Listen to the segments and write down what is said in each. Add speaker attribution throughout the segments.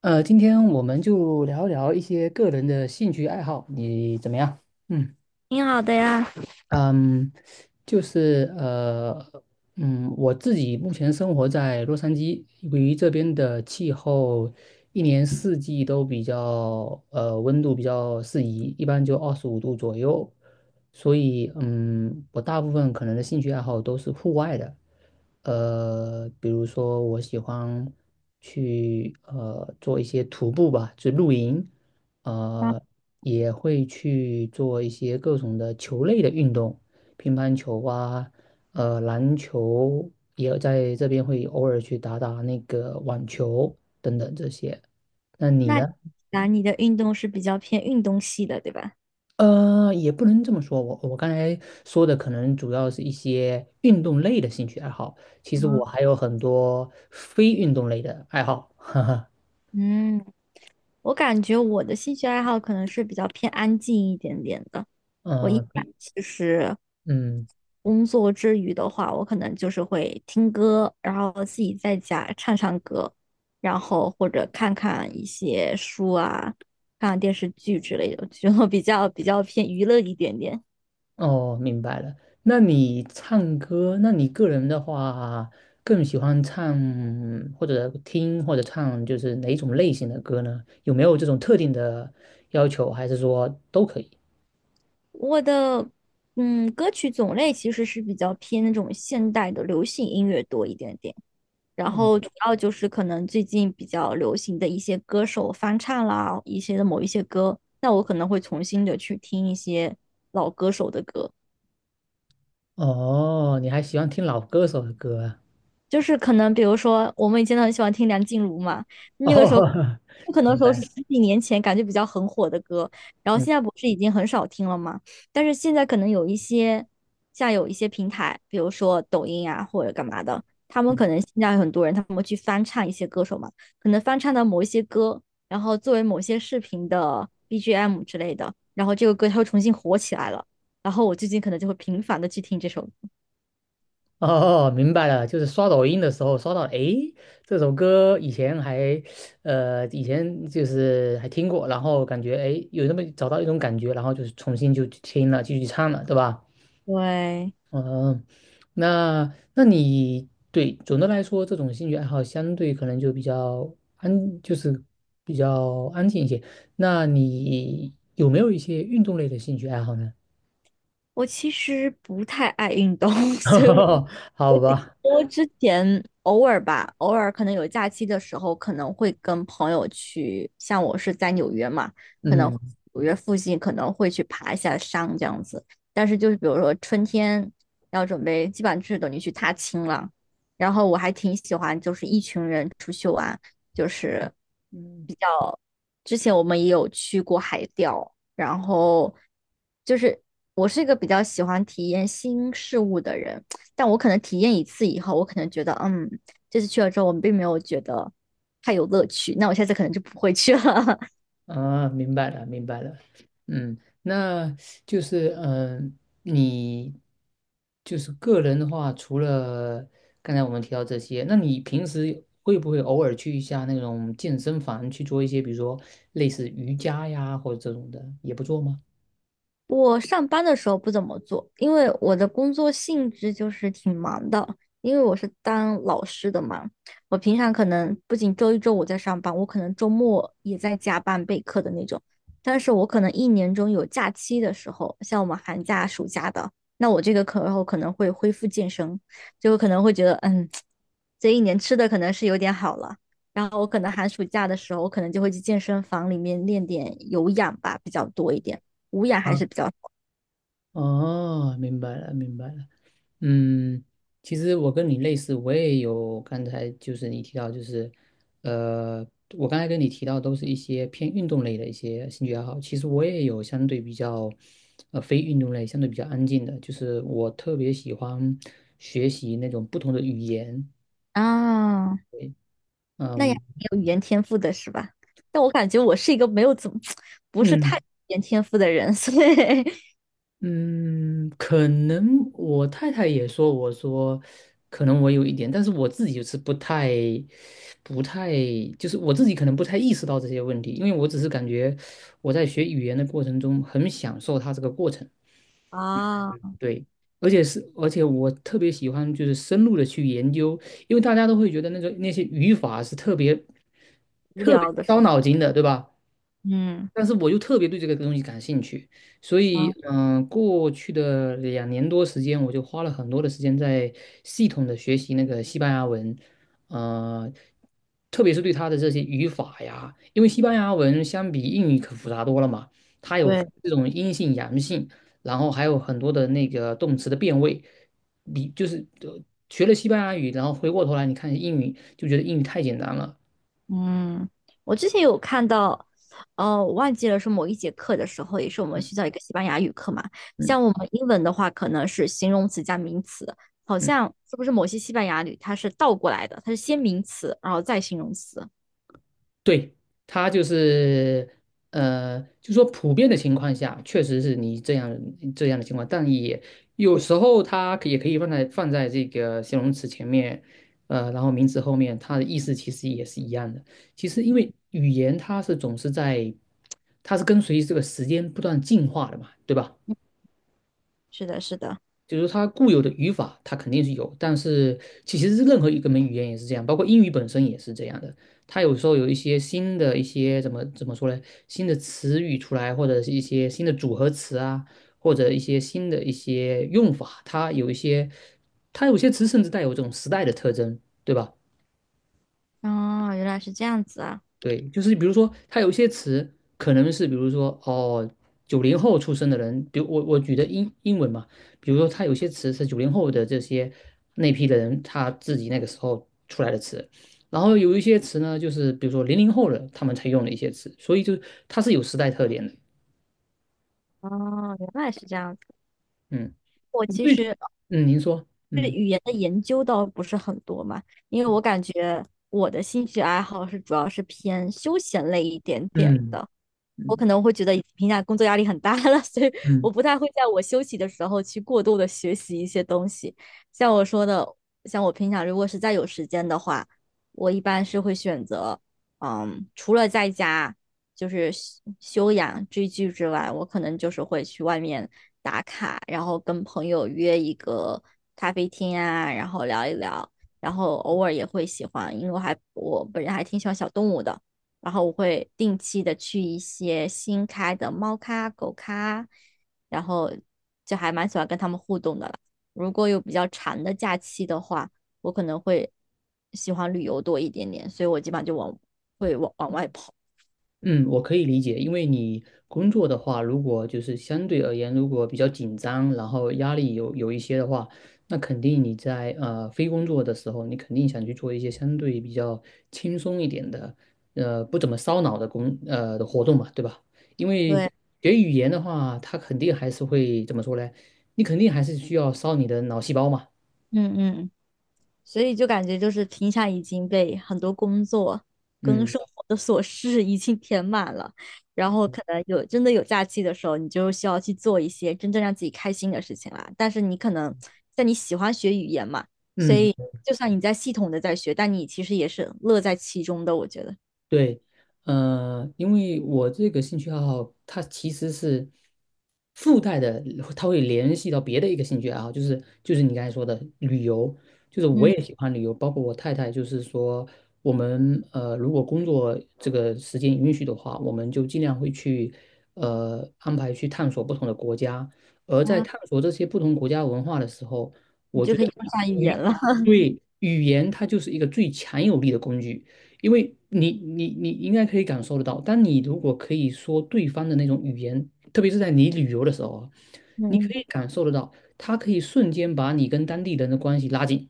Speaker 1: 今天我们就聊一聊一些个人的兴趣爱好，你怎么样？嗯。
Speaker 2: 挺好的呀。
Speaker 1: 嗯，就是我自己目前生活在洛杉矶，由于这边的气候一年四季都比较温度比较适宜，一般就25度左右，所以我大部分可能的兴趣爱好都是户外的。比如说我喜欢去做一些徒步吧，就露营。呃，
Speaker 2: 那
Speaker 1: 也会去做一些各种的球类的运动，乒乓球啊，篮球也在这边会偶尔去打打那个网球等等这些。那你
Speaker 2: 那
Speaker 1: 呢？
Speaker 2: 那你的运动是比较偏运动系的，对吧？
Speaker 1: 也不能这么说，我刚才说的可能主要是一些运动类的兴趣爱好，其实我
Speaker 2: 嗯，
Speaker 1: 还有很多非运动类的爱好。
Speaker 2: 嗯，我感觉我的兴趣爱好可能是比较偏安静一点点的。
Speaker 1: 嗯、
Speaker 2: 我一
Speaker 1: 呃
Speaker 2: 般
Speaker 1: 比
Speaker 2: 其实
Speaker 1: 嗯。
Speaker 2: 工作之余的话，我可能就是会听歌，然后自己在家唱唱歌，然后或者看看一些书啊，看看电视剧之类的，就比较偏娱乐一点点。
Speaker 1: 哦，明白了。那你唱歌，那你个人的话，更喜欢唱或者听或者唱，就是哪一种类型的歌呢？有没有这种特定的要求，还是说都可以？
Speaker 2: 我的歌曲种类其实是比较偏那种现代的流行音乐多一点点，然后主要就是可能最近比较流行的一些歌手翻唱啦，一些的某一些歌，那我可能会重新的去听一些老歌手的歌。
Speaker 1: 哦，你还喜欢听老歌手的歌啊？
Speaker 2: 就是可能比如说我们以前都很喜欢听梁静茹嘛，那个时候
Speaker 1: 哦，
Speaker 2: 不可能
Speaker 1: 明
Speaker 2: 说是
Speaker 1: 白。
Speaker 2: 10几年前感觉比较很火的歌，然后
Speaker 1: 嗯
Speaker 2: 现在不是已经很少听了嘛，但是现在可能有一些像有一些平台，比如说抖音啊或者干嘛的，他们
Speaker 1: 嗯。
Speaker 2: 可能现在很多人他们会去翻唱一些歌手嘛，可能翻唱到某一些歌，然后作为某些视频的 BGM 之类的，然后这个歌它会重新火起来了，然后我最近可能就会频繁的去听这首歌，
Speaker 1: 哦，明白了，就是刷抖音的时候刷到，诶，这首歌以前还，以前就是还听过，然后感觉诶有那么找到一种感觉，然后就是重新就去听了，继续唱了，对吧？
Speaker 2: 对。
Speaker 1: 嗯，那你对总的来说，这种兴趣爱好相对可能就比较安，就是比较安静一些。那你有没有一些运动类的兴趣爱好呢？
Speaker 2: 我其实不太爱运动，所以我 我
Speaker 1: 好
Speaker 2: 顶
Speaker 1: 吧。
Speaker 2: 多之前偶尔吧，偶尔可能有假期的时候，可能会跟朋友去，像我是在纽约嘛，可能
Speaker 1: 嗯。
Speaker 2: 纽约附近可能会去爬一下山这样子。但是就是比如说春天要准备，基本上就是等于去踏青了。然后我还挺喜欢，就是一群人出去玩，就是
Speaker 1: 嗯。
Speaker 2: 比较。之前我们也有去过海钓，然后就是我是一个比较喜欢体验新事物的人。但我可能体验一次以后，我可能觉得，嗯，这次去了之后，我并没有觉得太有乐趣，那我下次可能就不会去了。
Speaker 1: 啊，明白了，明白了。那就是你就是个人的话，除了刚才我们提到这些，那你平时会不会偶尔去一下那种健身房去做一些，比如说类似瑜伽呀，或者这种的，也不做吗？
Speaker 2: 我上班的时候不怎么做，因为我的工作性质就是挺忙的，因为我是当老师的嘛。我平常可能不仅周一周五在上班，我可能周末也在加班备课的那种。但是我可能一年中有假期的时候，像我们寒假、暑假的，那我这个课后可能会恢复健身，就可能会觉得，嗯，这一年吃的可能是有点好了。然后我可能寒暑假的时候，我可能就会去健身房里面练点有氧吧，比较多一点。无氧还
Speaker 1: 啊，
Speaker 2: 是比较少
Speaker 1: 哦，明白了，明白了。嗯，其实我跟你类似，我也有刚才就是你提到，就是呃，我刚才跟你提到都是一些偏运动类的一些兴趣爱好。其实我也有相对比较非运动类，相对比较安静的，就是我特别喜欢学习那种不同的语言。
Speaker 2: 啊，那也
Speaker 1: 嗯
Speaker 2: 有语言天赋的是吧？但我感觉我是一个没有怎么 不是太有
Speaker 1: 嗯，
Speaker 2: 语言天赋的人，所以
Speaker 1: 嗯，可能我太太也说，我说可能我有一点，但是我自己就是不太，就是我自己可能不太意识到这些问题，因为我只是感觉我在学语言的过程中很享受它这个过程。
Speaker 2: 啊，
Speaker 1: 对，而且我特别喜欢就是深入的去研究，因为大家都会觉得那些语法是特别
Speaker 2: 无
Speaker 1: 特别
Speaker 2: 聊的是，
Speaker 1: 烧脑筋的，对吧？
Speaker 2: 嗯
Speaker 1: 但是我又特别对这个东西感兴趣，所以
Speaker 2: 啊，
Speaker 1: 过去的2年多时间，我就花了很多的时间在系统的学习那个西班牙文。呃，特别是对它的这些语法呀，因为西班牙文相比英语可复杂多了嘛，它有
Speaker 2: 对，
Speaker 1: 这种阴性、阳性，然后还有很多的那个动词的变位，你就是学了西班牙语，然后回过头来你看英语，就觉得英语太简单了。
Speaker 2: 嗯，我之前有看到，哦，我忘记了是某一节课的时候，也是我们
Speaker 1: 嗯
Speaker 2: 学校一个西班牙语课嘛，
Speaker 1: 嗯。
Speaker 2: 像我们英文的话，可能是形容词加名词，好像是不是某些西班牙语它是倒过来的，它是先名词，然后再形容词。
Speaker 1: 对，他就是就说普遍的情况下，确实是你这样的情况，但也有时候它也可以放在这个形容词前面，然后名词后面，它的意思其实也是一样的。其实因为语言它是总是在，它是跟随这个时间不断进化的嘛，对吧？
Speaker 2: 是的，是的。
Speaker 1: 就是它固有的语法，它肯定是有，但是其实是任何一个门语言也是这样，包括英语本身也是这样的。它有时候有一些新的一些怎么说呢？新的词语出来，或者是一些新的组合词啊，或者一些新的一些用法，它有些词甚至带有这种时代的特征，对吧？
Speaker 2: 哦，原来是这样子啊！
Speaker 1: 对，就是比如说，它有一些词可能是，比如说哦，九零后出生的人，比如我举的英文嘛，比如说它有些词是九零后的那批的人他自己那个时候出来的词，然后有一些词呢，就是比如说00后的他们才用的一些词，所以就它是有时代特点的。
Speaker 2: 哦，原来是这样子。
Speaker 1: 嗯，
Speaker 2: 我
Speaker 1: 我。
Speaker 2: 其
Speaker 1: 对，
Speaker 2: 实
Speaker 1: 嗯，您说。
Speaker 2: 对
Speaker 1: 嗯
Speaker 2: 语言的研究倒不是很多嘛，因为我感觉我的兴趣爱好是主要是偏休闲类一点点
Speaker 1: 嗯
Speaker 2: 的。我可
Speaker 1: 嗯
Speaker 2: 能会觉得平经评价工作压力很大了，所以我
Speaker 1: 嗯。
Speaker 2: 不太会在我休息的时候去过度的学习一些东西。像我说的，像我平常如果是再有时间的话，我一般是会选择，嗯，除了在家就是休休养追剧之外，我可能就是会去外面打卡，然后跟朋友约一个咖啡厅啊，然后聊一聊，然后偶尔也会喜欢，因为我还我本人还挺喜欢小动物的。然后我会定期的去一些新开的猫咖、狗咖，然后就还蛮喜欢跟他们互动的啦。如果有比较长的假期的话，我可能会喜欢旅游多一点点，所以我基本上就往会往往外跑。
Speaker 1: 嗯，我可以理解，因为你工作的话，如果就是相对而言，如果比较紧张，然后压力有一些的话，那肯定你在非工作的时候，你肯定想去做一些相对比较轻松一点的，不怎么烧脑的的活动嘛，对吧？因为
Speaker 2: 对，
Speaker 1: 学语言的话，它肯定还是会怎么说呢？你肯定还是需要烧你的脑细胞嘛。
Speaker 2: 嗯嗯。所以就感觉就是平常已经被很多工作跟
Speaker 1: 嗯
Speaker 2: 生活的琐事 已经填满了，然后可能有真的有假期的时候，你就需要去做一些真正让自己开心的事情啦。但是你可能在你喜欢学语言嘛，所
Speaker 1: 嗯。
Speaker 2: 以就算你在系统的在学，但你其实也是乐在其中的，我觉得。
Speaker 1: 对，因为我这个兴趣爱好，它其实是附带的，它会联系到别的一个兴趣爱好，就是你刚才说的旅游，就是我
Speaker 2: 嗯
Speaker 1: 也喜欢旅游，包括我太太，就是说我们如果工作这个时间允许的话，我们就尽量会去安排去探索不同的国家，而在
Speaker 2: 啊，
Speaker 1: 探索这些不同国家文化的时候，
Speaker 2: 你
Speaker 1: 我
Speaker 2: 就
Speaker 1: 觉
Speaker 2: 可
Speaker 1: 得
Speaker 2: 以用上语言
Speaker 1: 语
Speaker 2: 了。
Speaker 1: 对语言它就是一个最强有力的工具。因为你应该可以感受得到，当你如果可以说对方的那种语言，特别是在你旅游的时候啊，你
Speaker 2: 嗯
Speaker 1: 可
Speaker 2: 嗯，
Speaker 1: 以感受得到，它可以瞬间把你跟当地人的关系拉近。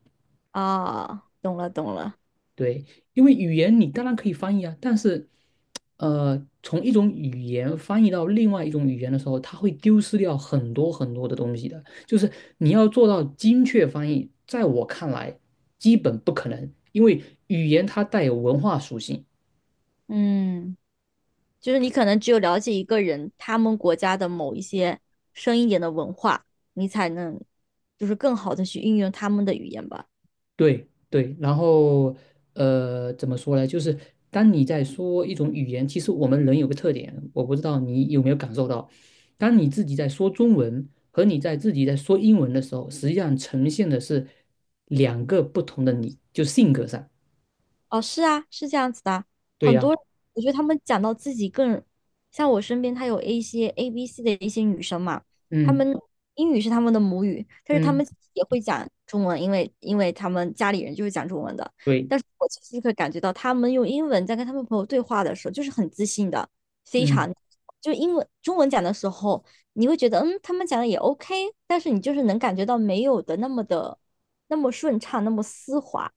Speaker 2: 啊，懂了懂了，
Speaker 1: 对，因为语言你当然可以翻译啊，但是，从一种语言翻译到另外一种语言的时候，它会丢失掉很多很多的东西的。就是你要做到精确翻译，在我看来基本不可能，因为语言它带有文化属性。
Speaker 2: 嗯。就是你可能只有了解一个人，他们国家的某一些深一点的文化，你才能就是更好的去运用他们的语言吧。
Speaker 1: 对对，然后怎么说呢？就是当你在说一种语言，其实我们人有个特点，我不知道你有没有感受到，当你自己在说中文和自己在说英文的时候，实际上呈现的是两个不同的你，就性格上。
Speaker 2: 哦，是啊，是这样子的。
Speaker 1: 对
Speaker 2: 很
Speaker 1: 呀，
Speaker 2: 多，我觉得他们讲到自己更，像我身边，她有一些 A、B、C 的一些女生嘛，她
Speaker 1: 嗯
Speaker 2: 们英语是她们的母语，但是她
Speaker 1: 嗯，
Speaker 2: 们也会讲中文，因为她们家里人就是讲中文的。
Speaker 1: 对，
Speaker 2: 但是我其实可以感觉到，她们用英文在跟她们朋友对话的时候，就是很自信的，非常
Speaker 1: 嗯。
Speaker 2: 就英文中文讲的时候，你会觉得嗯，他们讲的也 OK,但是你就是能感觉到没有的那么的。那么顺畅，那么丝滑，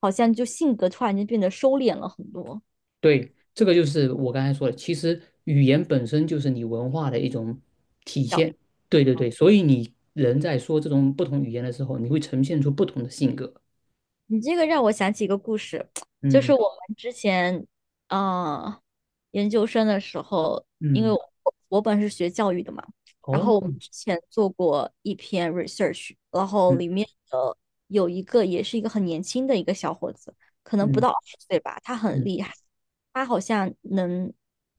Speaker 2: 好像就性格突然间变得收敛了很多。
Speaker 1: 对，这个就是我刚才说的，其实语言本身就是你文化的一种体
Speaker 2: 小样
Speaker 1: 现。对对对，所以你人在说这种不同语言的时候，你会呈现出不同的性格。
Speaker 2: 你这个让我想起一个故事，就是
Speaker 1: 嗯
Speaker 2: 我们之前，呃，研究生的时候，因为
Speaker 1: 嗯，
Speaker 2: 我我本是学教育的嘛，然
Speaker 1: 哦，
Speaker 2: 后我们之前做过一篇 research,然后
Speaker 1: 嗯
Speaker 2: 里面的有一个也是一个很年轻的一个小伙子，可能不
Speaker 1: 嗯
Speaker 2: 到20岁吧，他很
Speaker 1: 嗯
Speaker 2: 厉害，他好像能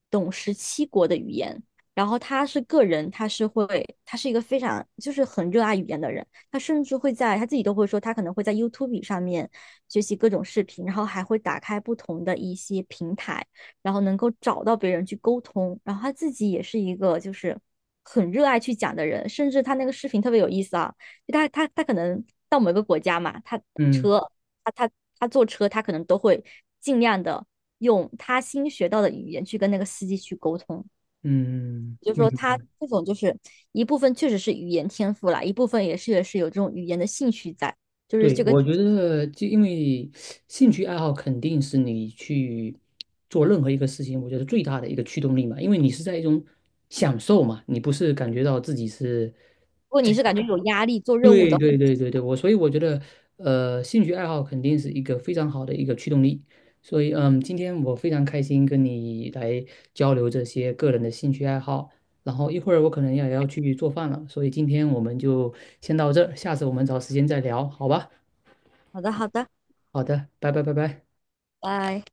Speaker 2: 懂17国的语言，然后他是个人，他是会，他是一个非常就是很热爱语言的人。他甚至会在他自己都会说，他可能会在 YouTube 上面学习各种视频，然后还会打开不同的一些平台，然后能够找到别人去沟通。然后他自己也是一个就是很热爱去讲的人，甚至他那个视频特别有意思啊，就他可能到某个国家嘛，他
Speaker 1: 嗯
Speaker 2: 车他他他坐车，他可能都会尽量的用他新学到的语言去跟那个司机去沟通。
Speaker 1: 嗯，
Speaker 2: 就是
Speaker 1: 嗯，
Speaker 2: 说他这种就是一部分确实是语言天赋啦，一部分也是有这种语言的兴趣在，就是
Speaker 1: 对，
Speaker 2: 这个，如
Speaker 1: 我觉得就因为兴趣爱好肯定是你去做任何一个事情，我觉得最大的一个驱动力嘛，因为你是在一种享受嘛，你不是感觉到自己是。
Speaker 2: 果
Speaker 1: 在。
Speaker 2: 你是感觉有压力做任务
Speaker 1: 对
Speaker 2: 的话
Speaker 1: 对对对对，所以我觉得，兴趣爱好肯定是一个非常好的一个驱动力。所以，今天我非常开心跟你来交流这些个人的兴趣爱好。然后一会儿我可能也要去做饭了，所以今天我们就先到这儿，下次我们找时间再聊，好吧？
Speaker 2: 好的好的，
Speaker 1: 好的，拜拜拜拜。
Speaker 2: 拜。